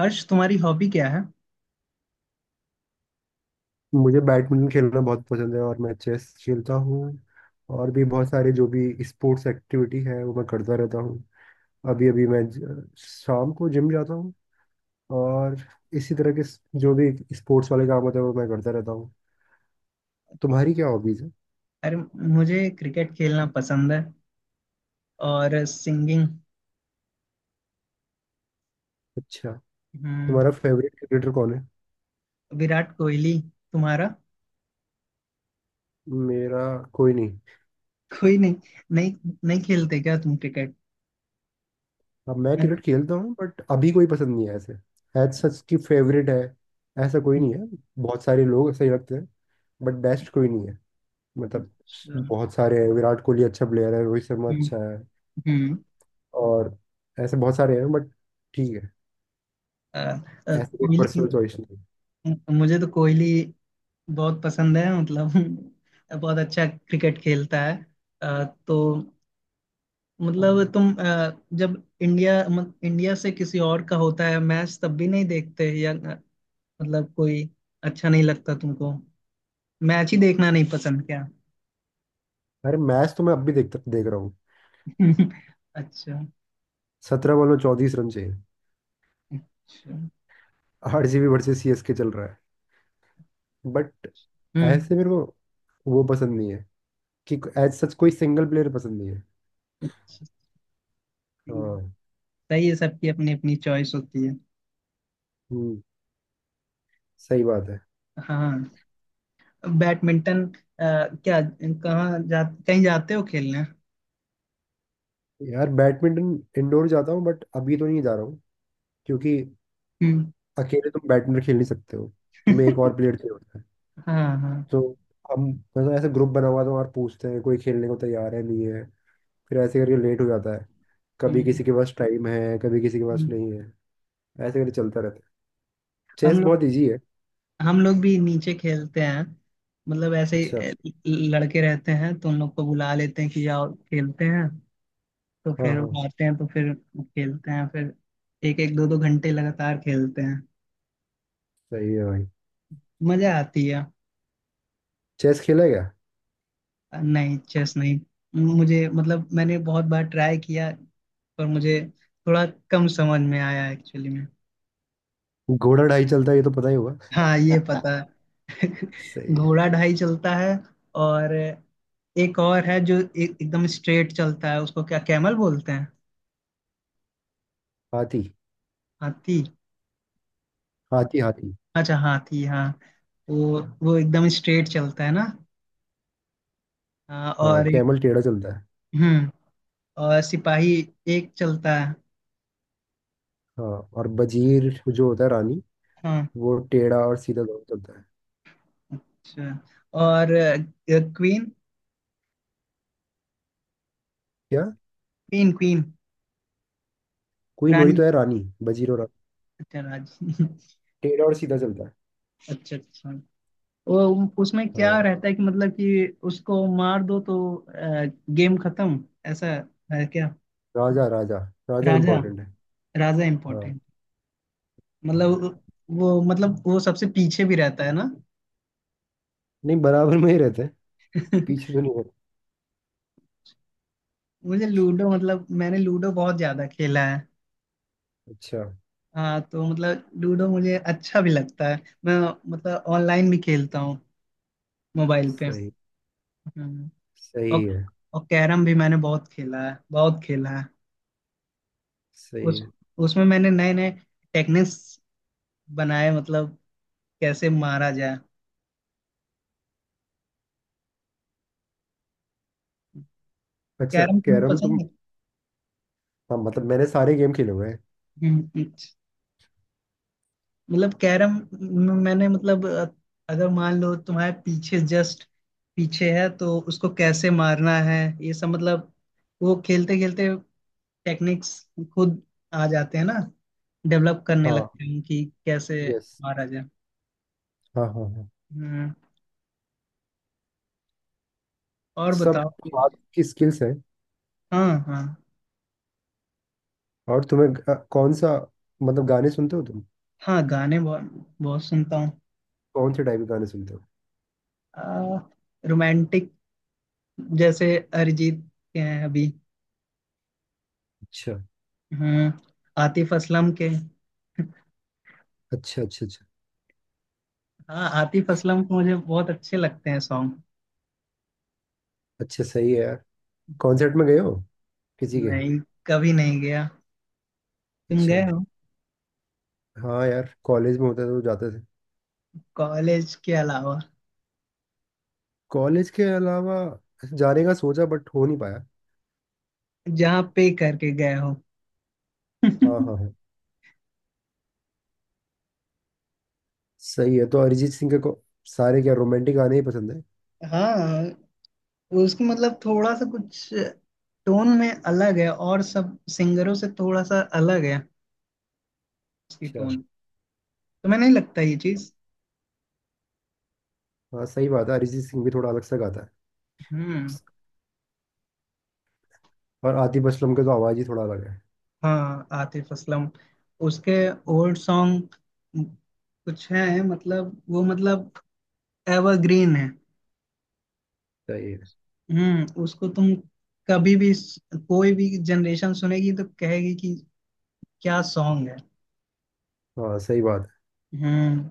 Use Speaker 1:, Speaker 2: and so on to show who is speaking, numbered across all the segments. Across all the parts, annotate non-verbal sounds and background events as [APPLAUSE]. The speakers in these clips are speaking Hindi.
Speaker 1: हर्ष, तुम्हारी हॉबी क्या है?
Speaker 2: मुझे बैडमिंटन खेलना बहुत पसंद है और मैं चेस खेलता हूँ। और भी बहुत सारे जो भी स्पोर्ट्स एक्टिविटी है वो मैं करता रहता हूँ। अभी अभी मैं शाम को जिम जाता हूँ और इसी तरह के जो भी स्पोर्ट्स वाले काम होते हैं वो मैं करता रहता हूँ। तुम्हारी क्या हॉबीज है?
Speaker 1: अरे, मुझे क्रिकेट खेलना पसंद है। और सिंगिंग।
Speaker 2: अच्छा।
Speaker 1: हम्म।
Speaker 2: तुम्हारा फेवरेट क्रिकेटर कौन है?
Speaker 1: विराट कोहली। तुम्हारा?
Speaker 2: मेरा कोई नहीं।
Speaker 1: कोई नहीं। नहीं, नहीं, खेलते क्या तुम क्रिकेट?
Speaker 2: अब मैं क्रिकेट
Speaker 1: अच्छा।
Speaker 2: खेलता हूँ बट अभी कोई पसंद नहीं है ऐसे। एज सच की फेवरेट है, ऐसा कोई नहीं है। बहुत सारे लोग ऐसे ही लगते हैं बट बेस्ट कोई नहीं है। मतलब, बहुत सारे हैं। विराट कोहली अच्छा प्लेयर है, रोहित शर्मा
Speaker 1: हम्म।
Speaker 2: अच्छा है
Speaker 1: हम्म,
Speaker 2: और ऐसे बहुत सारे हैं बट ठीक है।
Speaker 1: अ,
Speaker 2: ऐसे कोई
Speaker 1: कोहली।
Speaker 2: पर्सनल चॉइस नहीं।
Speaker 1: मुझे तो कोहली बहुत पसंद है, मतलब [LAUGHS] बहुत अच्छा क्रिकेट खेलता है। तो मतलब तुम, जब इंडिया इंडिया से किसी और का होता है मैच, तब भी नहीं देखते, या मतलब कोई अच्छा नहीं लगता तुमको? मैच ही देखना नहीं पसंद क्या?
Speaker 2: अरे मैच तो मैं अब भी देख रहा हूँ।
Speaker 1: [LAUGHS] अच्छा।
Speaker 2: 17 बॉल में 34 रन चाहिए।
Speaker 1: अच्छा।
Speaker 2: आरसीबी वर्सेस सीएसके चल रहा है बट
Speaker 1: हम्म।
Speaker 2: ऐसे मेरे को वो पसंद नहीं है कि एज सच कोई सिंगल प्लेयर पसंद नहीं है।
Speaker 1: अच्छा, सही है।
Speaker 2: हाँ।
Speaker 1: सही है, सबकी अपनी अपनी चॉइस होती है।
Speaker 2: हम्म, सही बात है।
Speaker 1: हाँ। बैडमिंटन, क्या, कहाँ जा कहीं जाते हो खेलने?
Speaker 2: यार बैडमिंटन इंडोर जाता हूँ बट अभी तो नहीं जा रहा हूँ क्योंकि
Speaker 1: हम्म।
Speaker 2: अकेले तुम बैडमिंटन खेल नहीं सकते हो। तुम्हें एक और प्लेयर
Speaker 1: [LAUGHS]
Speaker 2: चाहिए होता है।
Speaker 1: हाँ, हाँ।
Speaker 2: तो हम मतलब ऐसे ग्रुप बना हुआ था और पूछते हैं कोई खेलने को तैयार है नहीं है। फिर ऐसे करके लेट हो जाता है। कभी किसी
Speaker 1: हम्म,
Speaker 2: के पास टाइम है, कभी किसी के पास
Speaker 1: हम्म।
Speaker 2: नहीं है। ऐसे करके चलता रहता है।
Speaker 1: हम
Speaker 2: चेस
Speaker 1: लोग
Speaker 2: बहुत इजी है।
Speaker 1: हम लोग भी नीचे खेलते हैं, मतलब ऐसे
Speaker 2: अच्छा।
Speaker 1: ही लड़के रहते हैं तो उन लोग को बुला लेते हैं कि जाओ खेलते हैं। तो
Speaker 2: हाँ
Speaker 1: फिर
Speaker 2: हाँ,
Speaker 1: वो आते हैं तो फिर खेलते हैं फिर एक एक दो दो घंटे लगातार खेलते हैं।
Speaker 2: सही है भाई।
Speaker 1: मजा आती है।
Speaker 2: चेस खेला क्या?
Speaker 1: नहीं, चेस नहीं। मुझे मतलब मैंने बहुत बार ट्राई किया, पर मुझे थोड़ा कम समझ में आया, एक्चुअली में।
Speaker 2: घोड़ा ढाई चलता है, ये तो पता ही होगा।
Speaker 1: हाँ, ये पता है।
Speaker 2: [LAUGHS] सही
Speaker 1: [LAUGHS]
Speaker 2: है।
Speaker 1: घोड़ा ढाई चलता है। और एक और है जो एकदम स्ट्रेट चलता है। उसको क्या, कैमल बोलते हैं?
Speaker 2: हाथी।
Speaker 1: हाथी।
Speaker 2: हाथी हाथी।
Speaker 1: अच्छा, हाथी, हाँ। वो एकदम स्ट्रेट चलता है ना? हाँ,
Speaker 2: हाँ
Speaker 1: और एक।
Speaker 2: कैमल टेढ़ा चलता है।
Speaker 1: हम्म। और सिपाही एक चलता है।
Speaker 2: हाँ और बजीर जो होता है, रानी,
Speaker 1: हाँ,
Speaker 2: वो टेढ़ा और सीधा दोनों चलता है।
Speaker 1: अच्छा। और क्वीन,
Speaker 2: क्या?
Speaker 1: क्वीन। क्वीन,
Speaker 2: क्वीन वही
Speaker 1: रानी।
Speaker 2: तो है, रानी, बजीर और रानी।
Speaker 1: अच्छा, राज। [LAUGHS]
Speaker 2: टेढ़ा और सीधा चलता है।
Speaker 1: अच्छा, अच्छा। वो, उसमें क्या
Speaker 2: हाँ।
Speaker 1: रहता है कि, मतलब कि उसको मार दो तो गेम खत्म, ऐसा है क्या?
Speaker 2: राजा राजा। राजा
Speaker 1: राजा,
Speaker 2: इम्पोर्टेंट है।
Speaker 1: राजा
Speaker 2: हाँ।
Speaker 1: इम्पोर्टेंट। मतलब
Speaker 2: हाँ।
Speaker 1: वो, मतलब वो सबसे पीछे भी रहता है ना?
Speaker 2: नहीं बराबर में ही रहते हैं।
Speaker 1: [LAUGHS]
Speaker 2: पीछे तो नहीं रहते।
Speaker 1: मुझे लूडो, मतलब मैंने लूडो बहुत ज्यादा खेला है।
Speaker 2: अच्छा।
Speaker 1: हाँ, तो मतलब लूडो मुझे अच्छा भी लगता है। मैं मतलब ऑनलाइन भी खेलता हूँ, मोबाइल पे।
Speaker 2: सही।
Speaker 1: हम्म। और
Speaker 2: सही है।
Speaker 1: और कैरम भी मैंने बहुत खेला है, बहुत खेला है।
Speaker 2: सही
Speaker 1: उस
Speaker 2: है।
Speaker 1: उसमें मैंने नए नए टेक्निक्स बनाए, मतलब कैसे मारा जाए।
Speaker 2: अच्छा
Speaker 1: कैरम तुम्हें
Speaker 2: कैरम तुम।
Speaker 1: पसंद है?
Speaker 2: हाँ मतलब मैंने सारे गेम खेले हुए हैं।
Speaker 1: हम्म। मतलब कैरम में मैंने, मतलब, अगर मान लो तुम्हारे पीछे, जस्ट पीछे है, तो उसको कैसे मारना है, ये सब मतलब वो खेलते खेलते टेक्निक्स खुद आ जाते हैं ना, डेवलप करने
Speaker 2: हाँ
Speaker 1: लगते हैं कि कैसे
Speaker 2: यस।
Speaker 1: मारा जाए।
Speaker 2: हाँ हाँ हाँ।
Speaker 1: हम्म। और
Speaker 2: सब
Speaker 1: बताओ।
Speaker 2: हाथ की स्किल्स हैं।
Speaker 1: हाँ, हाँ।
Speaker 2: और तुम्हें कौन सा मतलब गाने सुनते हो तुम?
Speaker 1: हाँ, गाने बहुत, बहुत सुनता हूँ।
Speaker 2: कौन से टाइप के गाने सुनते हो?
Speaker 1: आ, रोमांटिक, जैसे अरिजीत के हैं अभी।
Speaker 2: अच्छा
Speaker 1: हम्म। आतिफ असलम के।
Speaker 2: अच्छा अच्छा। अच्छा।
Speaker 1: हाँ, आतिफ असलम के मुझे बहुत अच्छे लगते हैं सॉन्ग।
Speaker 2: अच्छा सही है यार। कॉन्सर्ट में गए हो किसी के?
Speaker 1: नहीं, कभी नहीं गया। तुम
Speaker 2: अच्छा।
Speaker 1: गए हो?
Speaker 2: हाँ यार कॉलेज में होता तो जाते थे।
Speaker 1: कॉलेज के अलावा?
Speaker 2: कॉलेज के अलावा जाने का सोचा बट हो नहीं पाया।
Speaker 1: जहाँ पे करके गए हो?
Speaker 2: हाँ हाँ हाँ।
Speaker 1: [LAUGHS]
Speaker 2: सही है। तो अरिजीत सिंह के को सारे क्या रोमांटिक गाने ही पसंद है?
Speaker 1: हाँ, उसकी मतलब थोड़ा सा कुछ टोन में अलग है, और सब सिंगरों से थोड़ा सा अलग है उसकी
Speaker 2: अच्छा।
Speaker 1: टोन। तुम्हें नहीं लगता ये चीज?
Speaker 2: हाँ सही बात है, अरिजीत सिंह भी थोड़ा अलग सा गाता है।
Speaker 1: हम्म।
Speaker 2: और आतिफ असलम का तो आवाज़ ही थोड़ा अलग है।
Speaker 1: हाँ, आतिफ असलम, उसके ओल्ड सॉन्ग कुछ हैं, मतलब वो मतलब एवरग्रीन है।
Speaker 2: सही है।
Speaker 1: हम्म। उसको तुम कभी भी कोई भी जनरेशन सुनेगी तो कहेगी कि क्या सॉन्ग है।
Speaker 2: हाँ सही बात
Speaker 1: हम्म।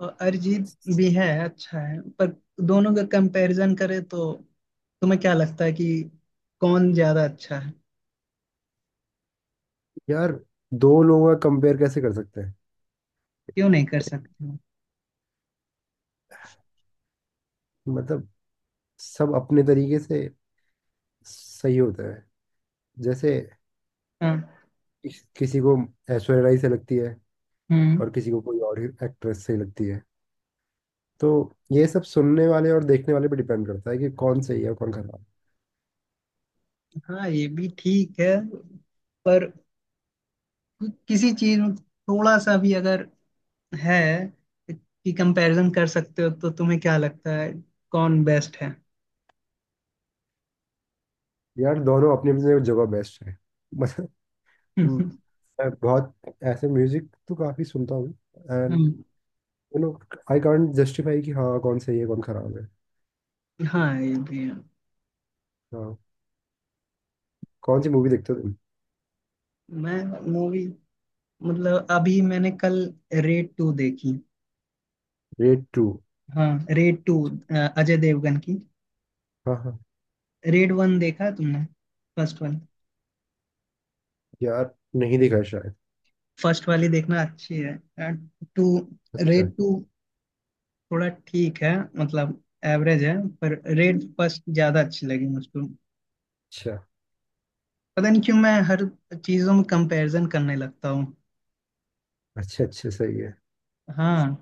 Speaker 1: और अरिजीत भी है, अच्छा है, पर दोनों का कंपैरिजन करे तो तुम्हें क्या लगता है कि कौन ज्यादा अच्छा है?
Speaker 2: है यार। दो लोगों का कंपेयर कैसे कर सकते हैं?
Speaker 1: क्यों नहीं कर सकते हो?
Speaker 2: मतलब सब अपने तरीके से सही होता है। जैसे
Speaker 1: हाँ।
Speaker 2: किसी को ऐश्वर्या राय से लगती है
Speaker 1: हम्म।
Speaker 2: और किसी को कोई और एक्ट्रेस से लगती है। तो ये सब सुनने वाले और देखने वाले पे डिपेंड करता है कि कौन सही है और कौन खराब।
Speaker 1: हाँ, ये भी ठीक है, पर किसी चीज में थोड़ा सा भी अगर है कि कंपैरिजन कर सकते हो तो तुम्हें क्या लगता है, कौन बेस्ट है?
Speaker 2: है यार दोनों अपनी अपनी जगह बेस्ट है। [LAUGHS] मतलब, हम्म,
Speaker 1: [LAUGHS]
Speaker 2: मैं बहुत ऐसे म्यूजिक तो काफी सुनता हूँ and
Speaker 1: hmm.
Speaker 2: You know I can't justify कि हाँ कौन सही है कौन खराब है।
Speaker 1: हाँ, ये भी है।
Speaker 2: हाँ। कौन सी मूवी देखते हो तुम?
Speaker 1: मैं मूवी मतलब अभी मैंने कल रेड टू देखी।
Speaker 2: Raid two.
Speaker 1: हाँ, रेड टू, अजय देवगन की।
Speaker 2: हाँ हाँ।
Speaker 1: रेड वन देखा है तुमने? First one?
Speaker 2: यार नहीं देखा है शायद।
Speaker 1: फर्स्ट वाली देखना अच्छी है। टू,
Speaker 2: अच्छा
Speaker 1: रेड टू थोड़ा ठीक है, मतलब एवरेज है, पर रेड फर्स्ट ज्यादा अच्छी लगी मुझको।
Speaker 2: अच्छा
Speaker 1: पता नहीं क्यों मैं हर चीजों में कंपैरिजन करने लगता हूँ।
Speaker 2: अच्छा। अच्छा सही है।
Speaker 1: हाँ,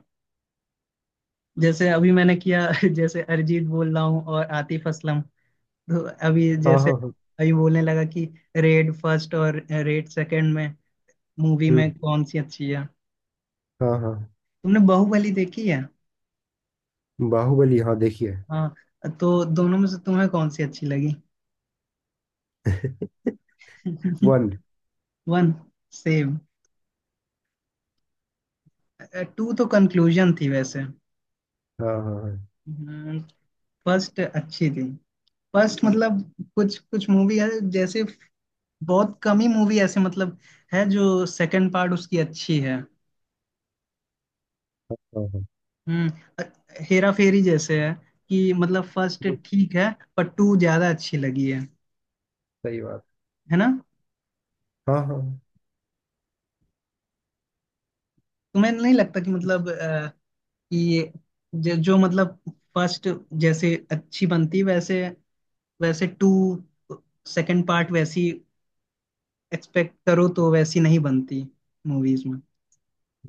Speaker 1: जैसे अभी मैंने किया [LAUGHS] जैसे अरिजीत बोल रहा हूँ और आतिफ असलम, तो अभी
Speaker 2: हाँ
Speaker 1: जैसे
Speaker 2: हाँ हाँ।
Speaker 1: अभी बोलने लगा कि रेड फर्स्ट और रेड सेकंड में, मूवी में
Speaker 2: हम्म,
Speaker 1: कौन सी अच्छी है।
Speaker 2: हाँ हाँ।
Speaker 1: तुमने बाहुबली देखी है?
Speaker 2: बाहुबली हाँ देखिए।
Speaker 1: हाँ। तो दोनों में से तुम्हें कौन सी अच्छी लगी?
Speaker 2: वन।
Speaker 1: [LAUGHS] One, same. टू तो कंक्लूजन थी वैसे।
Speaker 2: हाँ हाँ हाँ।
Speaker 1: फर्स्ट अच्छी थी। फर्स्ट मतलब कुछ कुछ मूवी है जैसे, बहुत कम ही मूवी ऐसे मतलब है जो सेकंड पार्ट उसकी अच्छी है।
Speaker 2: हाँ हाँ,
Speaker 1: हम्म। हेरा फेरी जैसे है, कि मतलब फर्स्ट
Speaker 2: हम्म,
Speaker 1: ठीक है, पर टू ज्यादा अच्छी लगी है
Speaker 2: सही बात।
Speaker 1: है ना?
Speaker 2: हाँ हाँ।
Speaker 1: तुम्हें नहीं लगता कि मतलब, कि ये जो मतलब फर्स्ट जैसे अच्छी बनती, वैसे वैसे टू, सेकंड पार्ट वैसी एक्सपेक्ट करो तो वैसी नहीं बनती मूवीज में?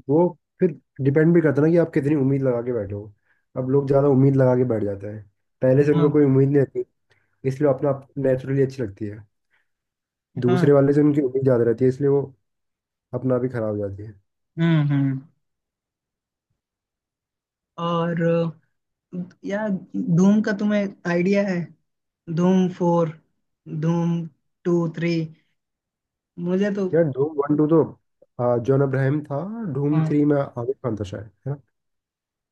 Speaker 2: वो फिर डिपेंड भी करता है ना कि आप कितनी उम्मीद लगा के बैठे हो। अब लोग ज़्यादा उम्मीद लगा के बैठ जाते हैं। पहले से उनको कोई
Speaker 1: हाँ,
Speaker 2: उम्मीद नहीं रहती, इसलिए अपना नेचुरली अच्छी लगती है।
Speaker 1: हाँ।
Speaker 2: दूसरे वाले से उनकी उम्मीद ज़्यादा रहती है इसलिए वो अपना भी खराब हो जाती है।
Speaker 1: हम्म, हम्म। और यार, धूम का तुम्हें आइडिया है? धूम फोर, धूम टू, थ्री, मुझे तो।
Speaker 2: यार धूम वन टू तो जॉन अब्राहम था। धूम
Speaker 1: हाँ,
Speaker 2: थ्री में आमिर खान था शायद, है ना।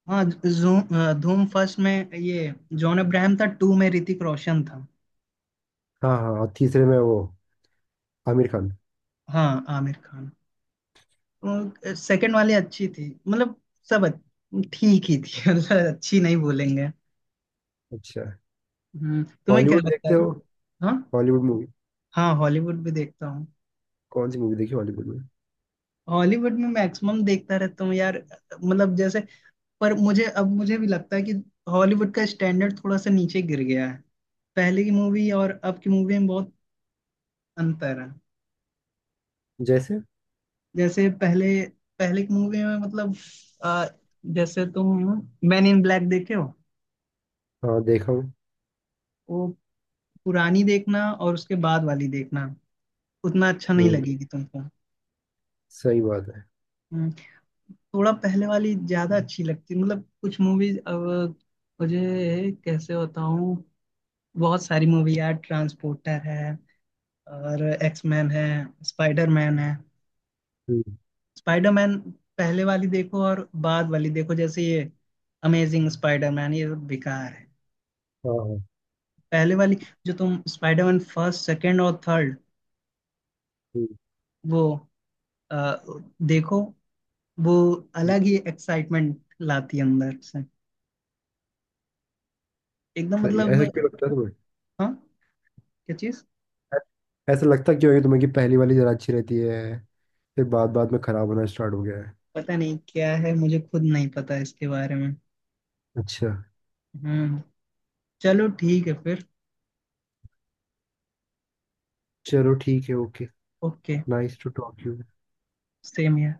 Speaker 1: हाँ, धूम फर्स्ट में ये जॉन अब्राहम था, टू में ऋतिक रोशन था।
Speaker 2: हाँ हाँ और तीसरे में वो आमिर खान।
Speaker 1: हाँ, आमिर खान। तो सेकंड वाली अच्छी थी, मतलब सब ठीक ही थी [LAUGHS] मतलब अच्छी नहीं बोलेंगे।
Speaker 2: अच्छा
Speaker 1: हम्म। तुम्हें क्या
Speaker 2: हॉलीवुड
Speaker 1: लगता
Speaker 2: देखते
Speaker 1: है?
Speaker 2: हो?
Speaker 1: हाँ,
Speaker 2: हॉलीवुड मूवी?
Speaker 1: हाँ, हॉलीवुड भी देखता हूँ।
Speaker 2: कौन सी मूवी देखी हॉलीवुड में?
Speaker 1: हॉलीवुड में मैक्सिमम देखता रहता हूँ यार, मतलब जैसे, पर मुझे अब मुझे भी लगता है कि हॉलीवुड का स्टैंडर्ड थोड़ा सा नीचे गिर गया है। पहले की मूवी और अब की मूवी में बहुत अंतर है।
Speaker 2: जैसे?
Speaker 1: जैसे पहले, पहले की मूवी में मतलब, अ, जैसे तुम मैन इन ब्लैक देखे हो,
Speaker 2: हाँ देखा हूँ।
Speaker 1: वो पुरानी देखना और उसके बाद वाली देखना, उतना अच्छा नहीं
Speaker 2: हम्म,
Speaker 1: लगेगी तुमको।
Speaker 2: सही बात है।
Speaker 1: हम्म। थोड़ा पहले वाली ज्यादा अच्छी लगती, मतलब कुछ मूवीज अब, मुझे कैसे बताऊं, बहुत सारी मूवी यार, ट्रांसपोर्टर है, और एक्समैन है, स्पाइडरमैन है।
Speaker 2: हम्म,
Speaker 1: स्पाइडरमैन पहले वाली देखो और बाद वाली देखो, जैसे ये अमेजिंग स्पाइडरमैन, ये सब बेकार है।
Speaker 2: हाँ हाँ।
Speaker 1: पहले वाली, जो तुम स्पाइडरमैन फर्स्ट, सेकंड और थर्ड
Speaker 2: हम्म।
Speaker 1: वो, अ, देखो, वो अलग ही एक्साइटमेंट लाती है अंदर से एकदम,
Speaker 2: तो
Speaker 1: मतलब।
Speaker 2: ऐसा क्यों लगता है तुम्हें?
Speaker 1: हाँ, क्या चीज?
Speaker 2: ऐसा लगता क्यों है कि तुम्हें कि पहली वाली ज़रा अच्छी रहती है, फिर बाद बाद में ख़राब होना स्टार्ट हो गया है?
Speaker 1: पता नहीं क्या है, मुझे खुद नहीं पता इसके बारे में।
Speaker 2: अच्छा।
Speaker 1: हम्म। चलो ठीक है फिर।
Speaker 2: चलो ठीक है okay.
Speaker 1: Okay.
Speaker 2: Nice to talk you.
Speaker 1: Same.